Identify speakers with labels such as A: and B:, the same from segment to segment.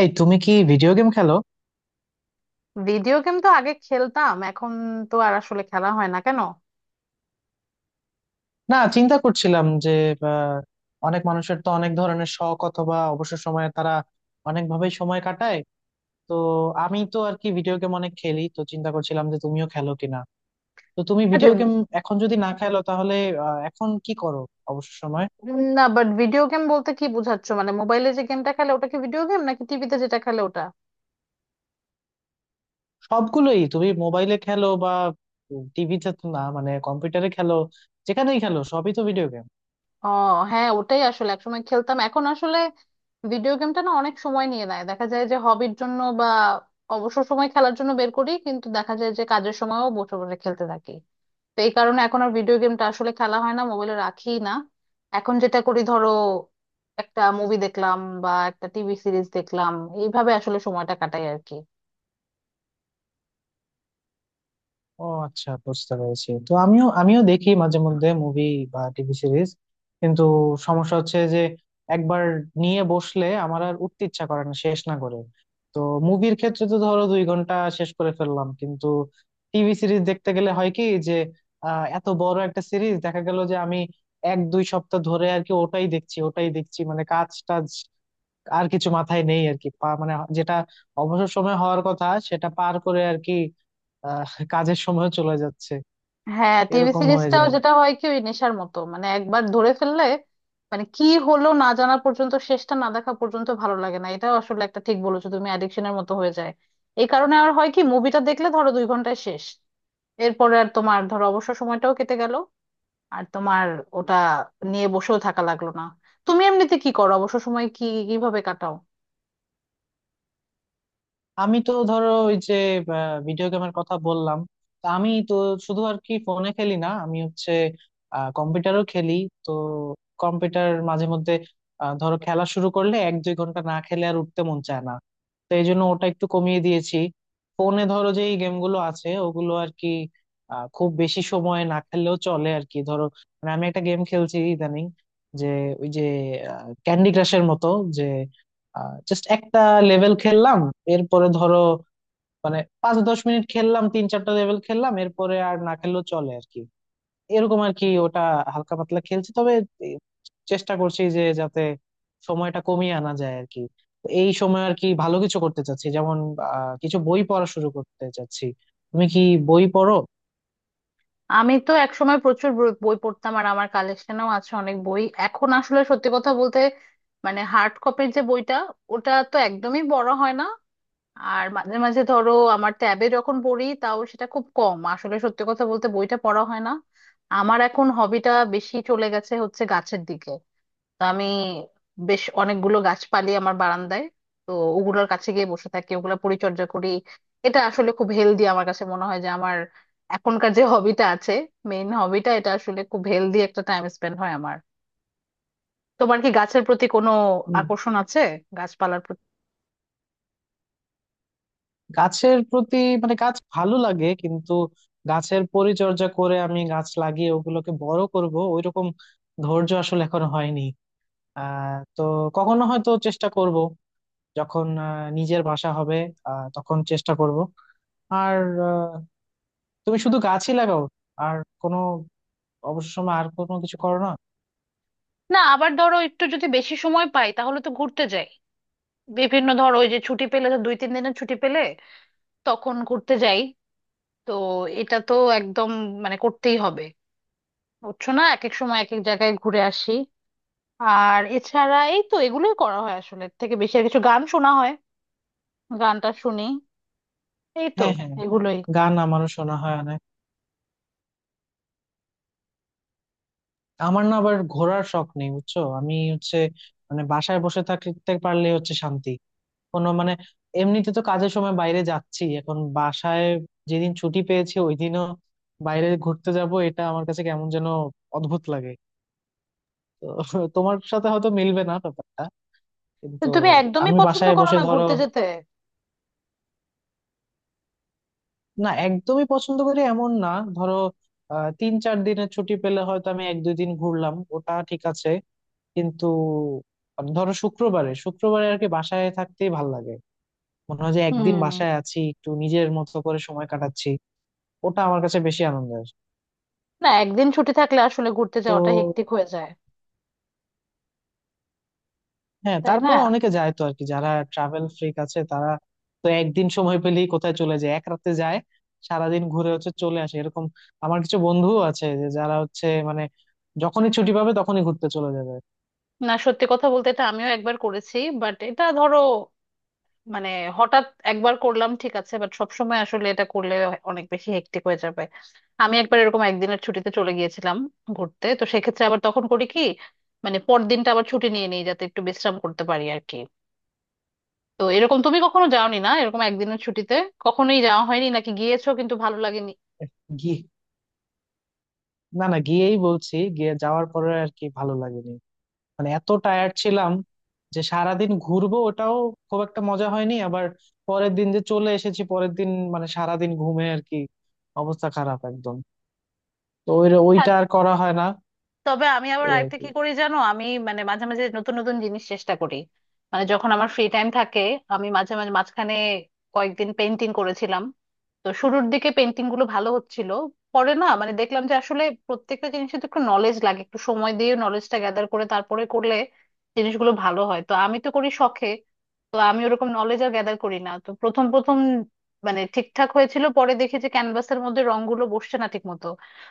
A: এই তুমি কি ভিডিও গেম খেলো?
B: ভিডিও গেম তো আগে খেলতাম, এখন তো আর আসলে খেলা হয় না। কেন?
A: না, চিন্তা করছিলাম যে আহ, অনেক মানুষের তো অনেক ধরনের শখ অথবা অবসর সময়ে তারা অনেক ভাবেই সময় কাটায়। তো আমি তো আর কি ভিডিও গেম অনেক খেলি, তো চিন্তা করছিলাম যে তুমিও খেলো কিনা। তো তুমি
B: আচ্ছা।
A: ভিডিও গেম এখন যদি না খেলো, তাহলে এখন কি করো অবসর সময়?
B: না, বাট ভিডিও গেম বলতে কি বোঝাচ্ছ? মানে মোবাইলে যে গেমটা খেলে ওটা কি ভিডিও গেম, নাকি টিভিতে যেটা খেলে ওটা?
A: সবগুলোই? তুমি মোবাইলে খেলো বা টিভিতে, না মানে কম্পিউটারে খেলো, যেখানেই খেলো সবই তো ভিডিও গেম।
B: ও, হ্যাঁ, ওটাই আসলে একসময় খেলতাম, এখন আসলে ভিডিও গেমটা না অনেক সময় নিয়ে নেয়। দেখা যায় যে হবির জন্য বা অবসর সময় খেলার জন্য বের করি, কিন্তু দেখা যায় যে কাজের সময়ও বসে বসে খেলতে থাকি। তো এই কারণে এখন আর ভিডিও গেমটা আসলে খেলা হয় না, মোবাইলে রাখি না। এখন যেটা করি, ধরো একটা মুভি দেখলাম বা একটা টিভি সিরিজ দেখলাম, এইভাবে আসলে সময়টা কাটাই আর কি।
A: ও আচ্ছা, বুঝতে পেরেছি। তো আমিও আমিও দেখি মাঝে মধ্যে মুভি বা টিভি সিরিজ, কিন্তু সমস্যা হচ্ছে যে একবার নিয়ে বসলে আমার আর উঠতে ইচ্ছা করে না শেষ না করে। তো মুভির ক্ষেত্রে তো ধরো 2 ঘন্টা শেষ করে ফেললাম, কিন্তু টিভি সিরিজ দেখতে গেলে হয় কি যে এত বড় একটা সিরিজ দেখা গেল যে আমি 1-2 সপ্তাহ ধরে আর কি ওটাই দেখছি ওটাই দেখছি, মানে কাজ টাজ আর কিছু মাথায় নেই আর কি। মানে যেটা অবসর সময় হওয়ার কথা সেটা পার করে আর কি কাজের সময় চলে যাচ্ছে।
B: হ্যাঁ, টিভি
A: এরকম হয়ে
B: সিরিজটাও
A: যায়।
B: যেটা হয় কি, ওই নেশার মতো, মানে একবার ধরে ফেললে মানে কি হলো না জানা পর্যন্ত, শেষটা না দেখা পর্যন্ত ভালো লাগে না। এটাও আসলে একটা, ঠিক বলেছো তুমি, অ্যাডিকশনের মতো হয়ে যায়। এই কারণে আর হয় কি, মুভিটা দেখলে ধরো দুই ঘন্টায় শেষ, এরপরে আর তোমার ধরো অবসর সময়টাও কেটে গেল, আর তোমার ওটা নিয়ে বসেও থাকা লাগলো না। তুমি এমনিতে কি করো, অবসর সময় কি কিভাবে কাটাও?
A: আমি তো ধরো, ওই যে ভিডিও গেমের কথা বললাম, তা আমি তো শুধু আর কি ফোনে খেলি না, আমি হচ্ছে কম্পিউটারও খেলি। তো কম্পিউটার মাঝে মধ্যে ধরো খেলা শুরু করলে 1-2 ঘন্টা না খেলে আর উঠতে মন চায় না। তো এই জন্য ওটা একটু কমিয়ে দিয়েছি। ফোনে ধরো যে এই গেমগুলো আছে, ওগুলো আর কি খুব বেশি সময় না খেললেও চলে আর কি। ধরো, মানে আমি একটা গেম খেলছি ইদানিং, যে ওই যে ক্যান্ডি ক্রাশের মতো, যে জাস্ট একটা লেভেল খেললাম এরপরে ধরো মানে 5-10 মিনিট খেললাম, 3-4টা লেভেল খেললাম, এরপরে আর না খেললেও চলে আর কি। এরকম আর কি ওটা হালকা পাতলা খেলছি, তবে এ- চেষ্টা করছি যে যাতে সময়টা কমিয়ে আনা যায় আর কি। তো এই সময় আর কি ভালো কিছু করতে চাচ্ছি, যেমন কিছু বই পড়া শুরু করতে চাচ্ছি। তুমি কি বই পড়ো?
B: আমি তো একসময় প্রচুর বই বই পড়তাম, আর আমার কালেকশনেও আছে অনেক বই। এখন আসলে সত্যি কথা বলতে, মানে হার্ড কপির যে বইটা, ওটা তো একদমই বড় হয় না। আর মাঝে মাঝে ধরো আমার ট্যাবে যখন পড়ি, তাও সেটা খুব কম। আসলে সত্যি কথা বলতে বইটা পড়া হয় না। আমার এখন হবিটা বেশি চলে গেছে হচ্ছে গাছের দিকে। তা আমি বেশ অনেকগুলো গাছপালি আমার বারান্দায়, তো ওগুলোর কাছে গিয়ে বসে থাকি, ওগুলো পরিচর্যা করি। এটা আসলে খুব হেলদি আমার কাছে মনে হয় যে আমার এখনকার যে হবিটা আছে, মেইন হবিটা, এটা আসলে খুব হেলদি একটা টাইম স্পেন্ড হয় আমার। তোমার কি গাছের প্রতি কোনো আকর্ষণ আছে, গাছপালার প্রতি?
A: গাছের প্রতি, মানে গাছ ভালো লাগে, কিন্তু গাছের পরিচর্যা করে আমি গাছ লাগিয়ে ওগুলোকে বড় করব ওইরকম ধৈর্য আসলে এখনো হয়নি। তো কখনো হয়তো চেষ্টা করব, যখন নিজের বাসা হবে, তখন চেষ্টা করব। আর আহ, তুমি শুধু গাছই লাগাও, আর কোনো অবসর সময় আর কোনো কিছু করো না?
B: না, আবার ধরো একটু যদি বেশি সময় পাই, তাহলে তো ঘুরতে যাই। বিভিন্ন, ধরো ওই যে ছুটি পেলে, তো দুই তিন দিনের ছুটি পেলে তখন ঘুরতে যাই। তো এটা তো একদম, মানে করতেই হবে, বুঝছো? না, এক এক সময় এক এক জায়গায় ঘুরে আসি। আর এছাড়া এই তো এগুলোই করা হয়। আসলে এর থেকে বেশি আর কিছু, গান শোনা হয়, গানটা শুনি, এই তো
A: হ্যাঁ হ্যাঁ।
B: এগুলোই।
A: গান আমারও শোনা হয় অনেক। আমার না আবার ঘোরার শখ নেই, বুঝছো, আমি হচ্ছে মানে বাসায় বসে থাকতে পারলে হচ্ছে শান্তি। কোনো মানে এমনিতে তো কাজের সময় বাইরে যাচ্ছি, এখন বাসায় যেদিন ছুটি পেয়েছি ওই দিনও বাইরে ঘুরতে যাব, এটা আমার কাছে কেমন যেন অদ্ভুত লাগে। তো তোমার সাথে হয়তো মিলবে না ব্যাপারটা,
B: তো
A: কিন্তু
B: তুমি একদমই
A: আমি
B: পছন্দ
A: বাসায়
B: করো
A: বসে
B: না
A: ধরো।
B: ঘুরতে যেতে?
A: না, একদমই পছন্দ করি এমন না। ধরো 3-4 দিনের ছুটি পেলে হয়তো আমি 1-2 দিন ঘুরলাম, ওটা ঠিক আছে, কিন্তু ধরো শুক্রবারে শুক্রবারে আর কি বাসায় থাকতেই ভাল লাগে। মনে হয় যে একদিন
B: হুম।
A: বাসায় আছি, একটু নিজের মতো করে সময় কাটাচ্ছি। ওটা আমার কাছে বেশি আনন্দের।
B: না, একদিন ছুটি থাকলে আসলে ঘুরতে
A: তো
B: যাওয়াটা হেক্টিক হয়ে যায়।
A: হ্যাঁ,
B: তাই না?
A: তারপরে অনেকে যায় তো আর কি, যারা ট্রাভেল ফ্রিক আছে তারা, তো একদিন সময় পেলেই কোথায় চলে যায়, এক রাতে যায় সারাদিন ঘুরে হচ্ছে চলে আসে এরকম। আমার কিছু বন্ধুও আছে যে যারা হচ্ছে মানে যখনই ছুটি পাবে তখনই ঘুরতে চলে যাবে।
B: না, সত্যি কথা বলতে এটা আমিও একবার করেছি, বাট এটা ধরো মানে হঠাৎ একবার করলাম, ঠিক আছে, বাট সবসময় আসলে এটা করলে অনেক বেশি হেক্টিক হয়ে যাবে। আমি একবার এরকম একদিনের ছুটিতে চলে গিয়েছিলাম ঘুরতে, তো সেক্ষেত্রে আবার তখন করি কি, মানে পরদিনটা আবার ছুটি নিয়ে নিই যাতে একটু বিশ্রাম করতে পারি আর কি। তো এরকম তুমি কখনো যাওনি, না এরকম একদিনের ছুটিতে কখনোই যাওয়া হয়নি, নাকি গিয়েছো কিন্তু ভালো লাগেনি?
A: গিয়ে, না না, গিয়েই বলছি গিয়ে যাওয়ার পরে আর কি ভালো লাগেনি। মানে এত টায়ার্ড ছিলাম যে সারাদিন ঘুরবো ওটাও খুব একটা মজা হয়নি, আবার পরের দিন যে চলে এসেছি পরের দিন মানে সারাদিন ঘুমে আর কি, অবস্থা খারাপ একদম। তো ওই ওইটা আর করা হয় না।
B: তবে আমি আবার
A: এই আর
B: আরেকটা
A: কি।
B: কি করি জানো, আমি মানে মাঝে মাঝে নতুন নতুন জিনিস চেষ্টা করি। মানে যখন আমার ফ্রি টাইম থাকে, আমি মাঝে মাঝে, মাঝখানে কয়েকদিন পেন্টিং করেছিলাম। তো শুরুর দিকে পেন্টিং গুলো ভালো হচ্ছিল, পরে না মানে দেখলাম যে আসলে প্রত্যেকটা জিনিসে তো একটু নলেজ লাগে, একটু সময় দিয়ে নলেজটা গ্যাদার করে তারপরে করলে জিনিসগুলো ভালো হয়। তো আমি তো করি শখে, তো আমি ওরকম নলেজ আর গ্যাদার করি না। তো প্রথম প্রথম মানে ঠিকঠাক হয়েছিল, পরে দেখি যে ক্যানভাসের মধ্যে রংগুলো বসছে না ঠিক মতো।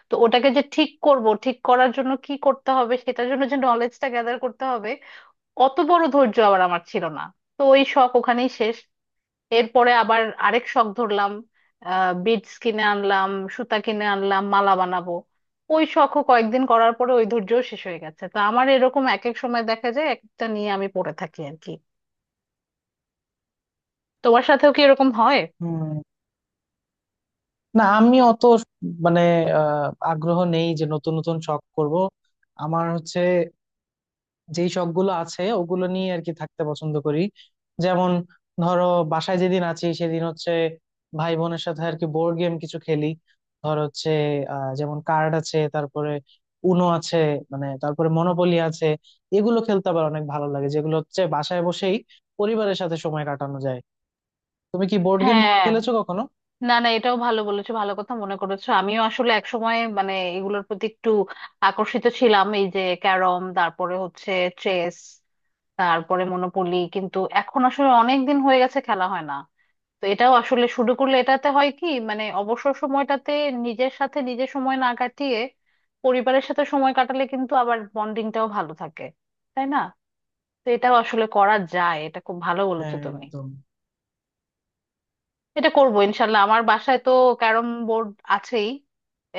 B: তো ওটাকে যে ঠিক করব, ঠিক করার জন্য কি করতে হবে, সেটার জন্য যে নলেজটা গ্যাদার করতে হবে, অত বড় ধৈর্য আবার আমার ছিল না। তো ওই শখ ওখানেই শেষ। এরপরে আবার আরেক শখ ধরলাম, বিডস কিনে আনলাম, সুতা কিনে আনলাম, মালা বানাবো। ওই শখও কয়েকদিন করার পরে ওই ধৈর্যও শেষ হয়ে গেছে। তো আমার এরকম এক এক সময় দেখা যায় একটা নিয়ে আমি পড়ে থাকি আর কি। তোমার সাথেও কি এরকম হয়?
A: হুম। না, আমি অত মানে আগ্রহ নেই যে নতুন নতুন শখ করব। আমার হচ্ছে যেই শখ গুলো আছে ওগুলো নিয়ে আর কি থাকতে পছন্দ করি। যেমন ধরো বাসায় যেদিন আছি সেদিন হচ্ছে ভাই বোনের সাথে আর কি বোর্ড গেম কিছু খেলি। ধর হচ্ছে যেমন কার্ড আছে, তারপরে উনো আছে, মানে তারপরে মনোপলি আছে। এগুলো খেলতে আবার অনেক ভালো লাগে, যেগুলো হচ্ছে বাসায় বসেই পরিবারের সাথে সময় কাটানো যায়। তুমি কি বোর্ড গেম
B: হ্যাঁ।
A: খেলেছো কখনো?
B: না না, এটাও ভালো বলেছো, ভালো কথা মনে করেছো। আমিও আসলে একসময় মানে এগুলোর প্রতি একটু আকর্ষিত ছিলাম, এই যে ক্যারম, তারপরে হচ্ছে চেস, তারপরে মনোপলি, কিন্তু এখন আসলে অনেক দিন হয়ে গেছে খেলা হয় না। তো এটাও আসলে শুরু করলে এটাতে হয় কি, মানে অবসর সময়টাতে নিজের সাথে নিজে সময় না কাটিয়ে পরিবারের সাথে সময় কাটালে কিন্তু আবার বন্ডিংটাও ভালো থাকে, তাই না? তো এটাও আসলে করা যায়, এটা খুব ভালো বলেছো
A: হ্যাঁ,
B: তুমি।
A: একদম।
B: এটা করবো ইনশাল্লাহ। আমার বাসায় তো ক্যারম বোর্ড আছেই।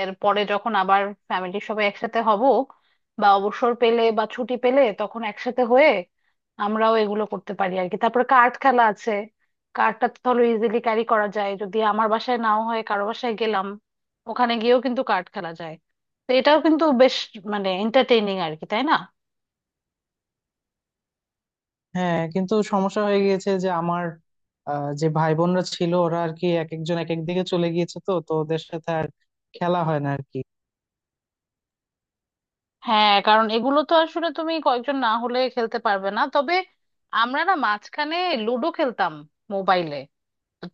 B: এরপরে যখন আবার ফ্যামিলির সবাই একসাথে হব বা অবসর পেলে বা ছুটি পেলে, তখন একসাথে হয়ে আমরাও এগুলো করতে পারি আর কি। তারপরে কার্ড খেলা আছে, কার্ডটা তো ধরো ইজিলি ক্যারি করা যায়। যদি আমার বাসায় নাও হয়, কারো বাসায় গেলাম, ওখানে গিয়েও কিন্তু কার্ড খেলা যায়। তো এটাও কিন্তু বেশ, মানে এন্টারটেইনিং আর কি, তাই না?
A: হ্যাঁ, কিন্তু সমস্যা হয়ে গিয়েছে যে আমার যে ভাই বোনরা ছিল ওরা আর কি এক একজন এক এক দিকে চলে গিয়েছে, তো তো ওদের সাথে আর খেলা হয় না আর কি।
B: হ্যাঁ, কারণ এগুলো তো আসলে তুমি কয়েকজন না হলে খেলতে পারবে না। তবে আমরা না মাঝখানে লুডো খেলতাম মোবাইলে।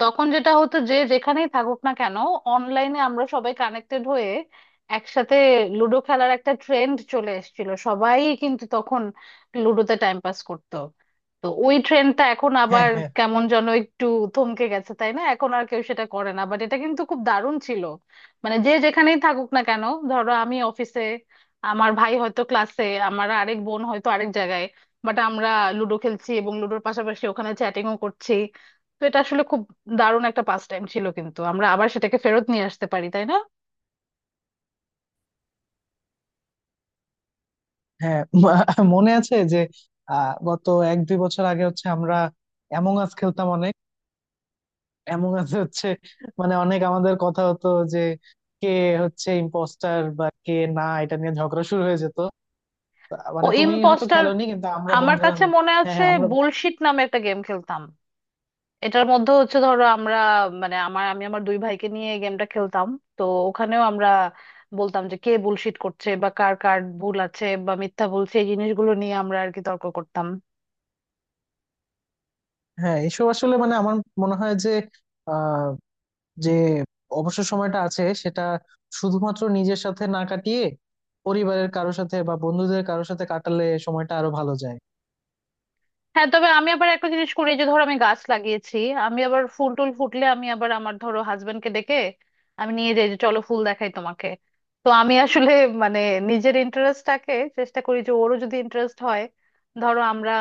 B: তখন যেটা হতো যে যেখানেই থাকুক না কেন, অনলাইনে আমরা সবাই কানেক্টেড হয়ে একসাথে লুডো খেলার একটা ট্রেন্ড চলে এসেছিল, সবাই কিন্তু তখন লুডোতে টাইম পাস করতো। তো ওই ট্রেন্ডটা এখন
A: হ্যাঁ
B: আবার
A: হ্যাঁ।
B: কেমন যেন একটু থমকে গেছে তাই না, এখন আর কেউ সেটা করে না, বাট এটা কিন্তু খুব দারুণ ছিল। মানে যে যেখানেই থাকুক না কেন, ধরো আমি অফিসে, আমার ভাই হয়তো ক্লাসে, আমার আরেক বোন হয়তো আরেক জায়গায়, বাট আমরা লুডো খেলছি এবং লুডোর পাশাপাশি ওখানে চ্যাটিংও করছি। তো এটা আসলে খুব দারুণ একটা পাস টাইম ছিল, কিন্তু আমরা আবার সেটাকে ফেরত নিয়ে আসতে পারি, তাই না?
A: হ্যাঁ মনে আছে যে গত 1-2 বছর আগে হচ্ছে আমরা অ্যামং আস খেলতাম অনেক। অ্যামং আস হচ্ছে মানে অনেক আমাদের কথা হতো যে কে হচ্ছে ইম্পোস্টার বা কে না, এটা নিয়ে ঝগড়া শুরু হয়ে যেত।
B: ও,
A: মানে তুমি হয়তো
B: ইম্পোস্টার
A: খেলোনি, কিন্তু আমরা
B: আমার
A: বন্ধুরা,
B: কাছে মনে
A: হ্যাঁ
B: আছে।
A: হ্যাঁ, আমরা।
B: বুলশিট নামে একটা গেম খেলতাম। এটার মধ্যে হচ্ছে ধরো আমরা, মানে আমি আমার দুই ভাইকে নিয়ে গেমটা খেলতাম। তো ওখানেও আমরা বলতাম যে কে বুলশিট করছে বা কার কার ভুল আছে বা মিথ্যা বলছে, এই জিনিসগুলো নিয়ে আমরা আর কি তর্ক করতাম।
A: হ্যাঁ, এসব আসলে মানে আমার মনে হয় যে আহ যে অবসর সময়টা আছে সেটা শুধুমাত্র নিজের সাথে না কাটিয়ে পরিবারের কারোর সাথে বা বন্ধুদের কারোর সাথে কাটালে সময়টা আরো ভালো যায়।
B: হ্যাঁ তবে আমি আবার একটা জিনিস করি, এই যে ধরো আমি গাছ লাগিয়েছি, আমি আবার ফুল টুল ফুটলে আমি আবার আমার ধরো হাজবেন্ডকে ডেকে আমি নিয়ে যাই যে চলো ফুল দেখাই তোমাকে। তো আমি আসলে মানে নিজের ইন্টারেস্টটাকে চেষ্টা করি যে ওরও যদি ইন্টারেস্ট হয়, ধরো আমরা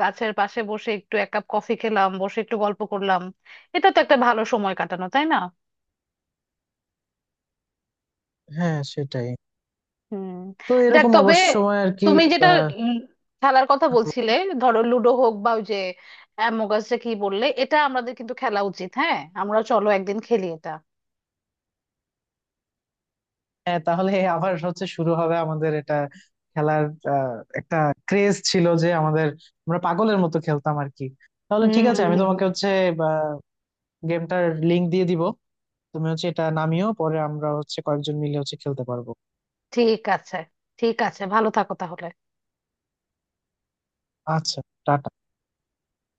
B: গাছের পাশে বসে একটু এক কাপ কফি খেলাম, বসে একটু গল্প করলাম, এটা তো একটা ভালো সময় কাটানো, তাই না?
A: হ্যাঁ, সেটাই।
B: হুম।
A: তো
B: যাক
A: এরকম
B: তবে,
A: অবসর সময় আর কি।
B: তুমি যেটা
A: আহ,
B: উম খেলার কথা বলছিলে, ধরো লুডো হোক বা ওই যে অ্যামোগাসটা কি বললে, এটা আমাদের কিন্তু খেলা উচিত। হ্যাঁ, আমরা চলো একদিন খেলি এটা।
A: হ্যাঁ, তাহলে আবার হচ্ছে শুরু হবে আমাদের এটা খেলার। একটা ক্রেজ ছিল যে আমাদের, আমরা পাগলের মতো খেলতাম আর কি। তাহলে
B: হুম
A: ঠিক আছে,
B: হুম,
A: আমি তোমাকে
B: হুম।
A: হচ্ছে গেমটার লিংক দিয়ে দিব, তুমি হচ্ছে এটা নামিও, পরে আমরা হচ্ছে কয়েকজন মিলে হচ্ছে খেলতে পারবো।
B: ঠিক আছে। ঠিক আছে, ভালো থাকো তাহলে।
A: আচ্ছা, টাটা।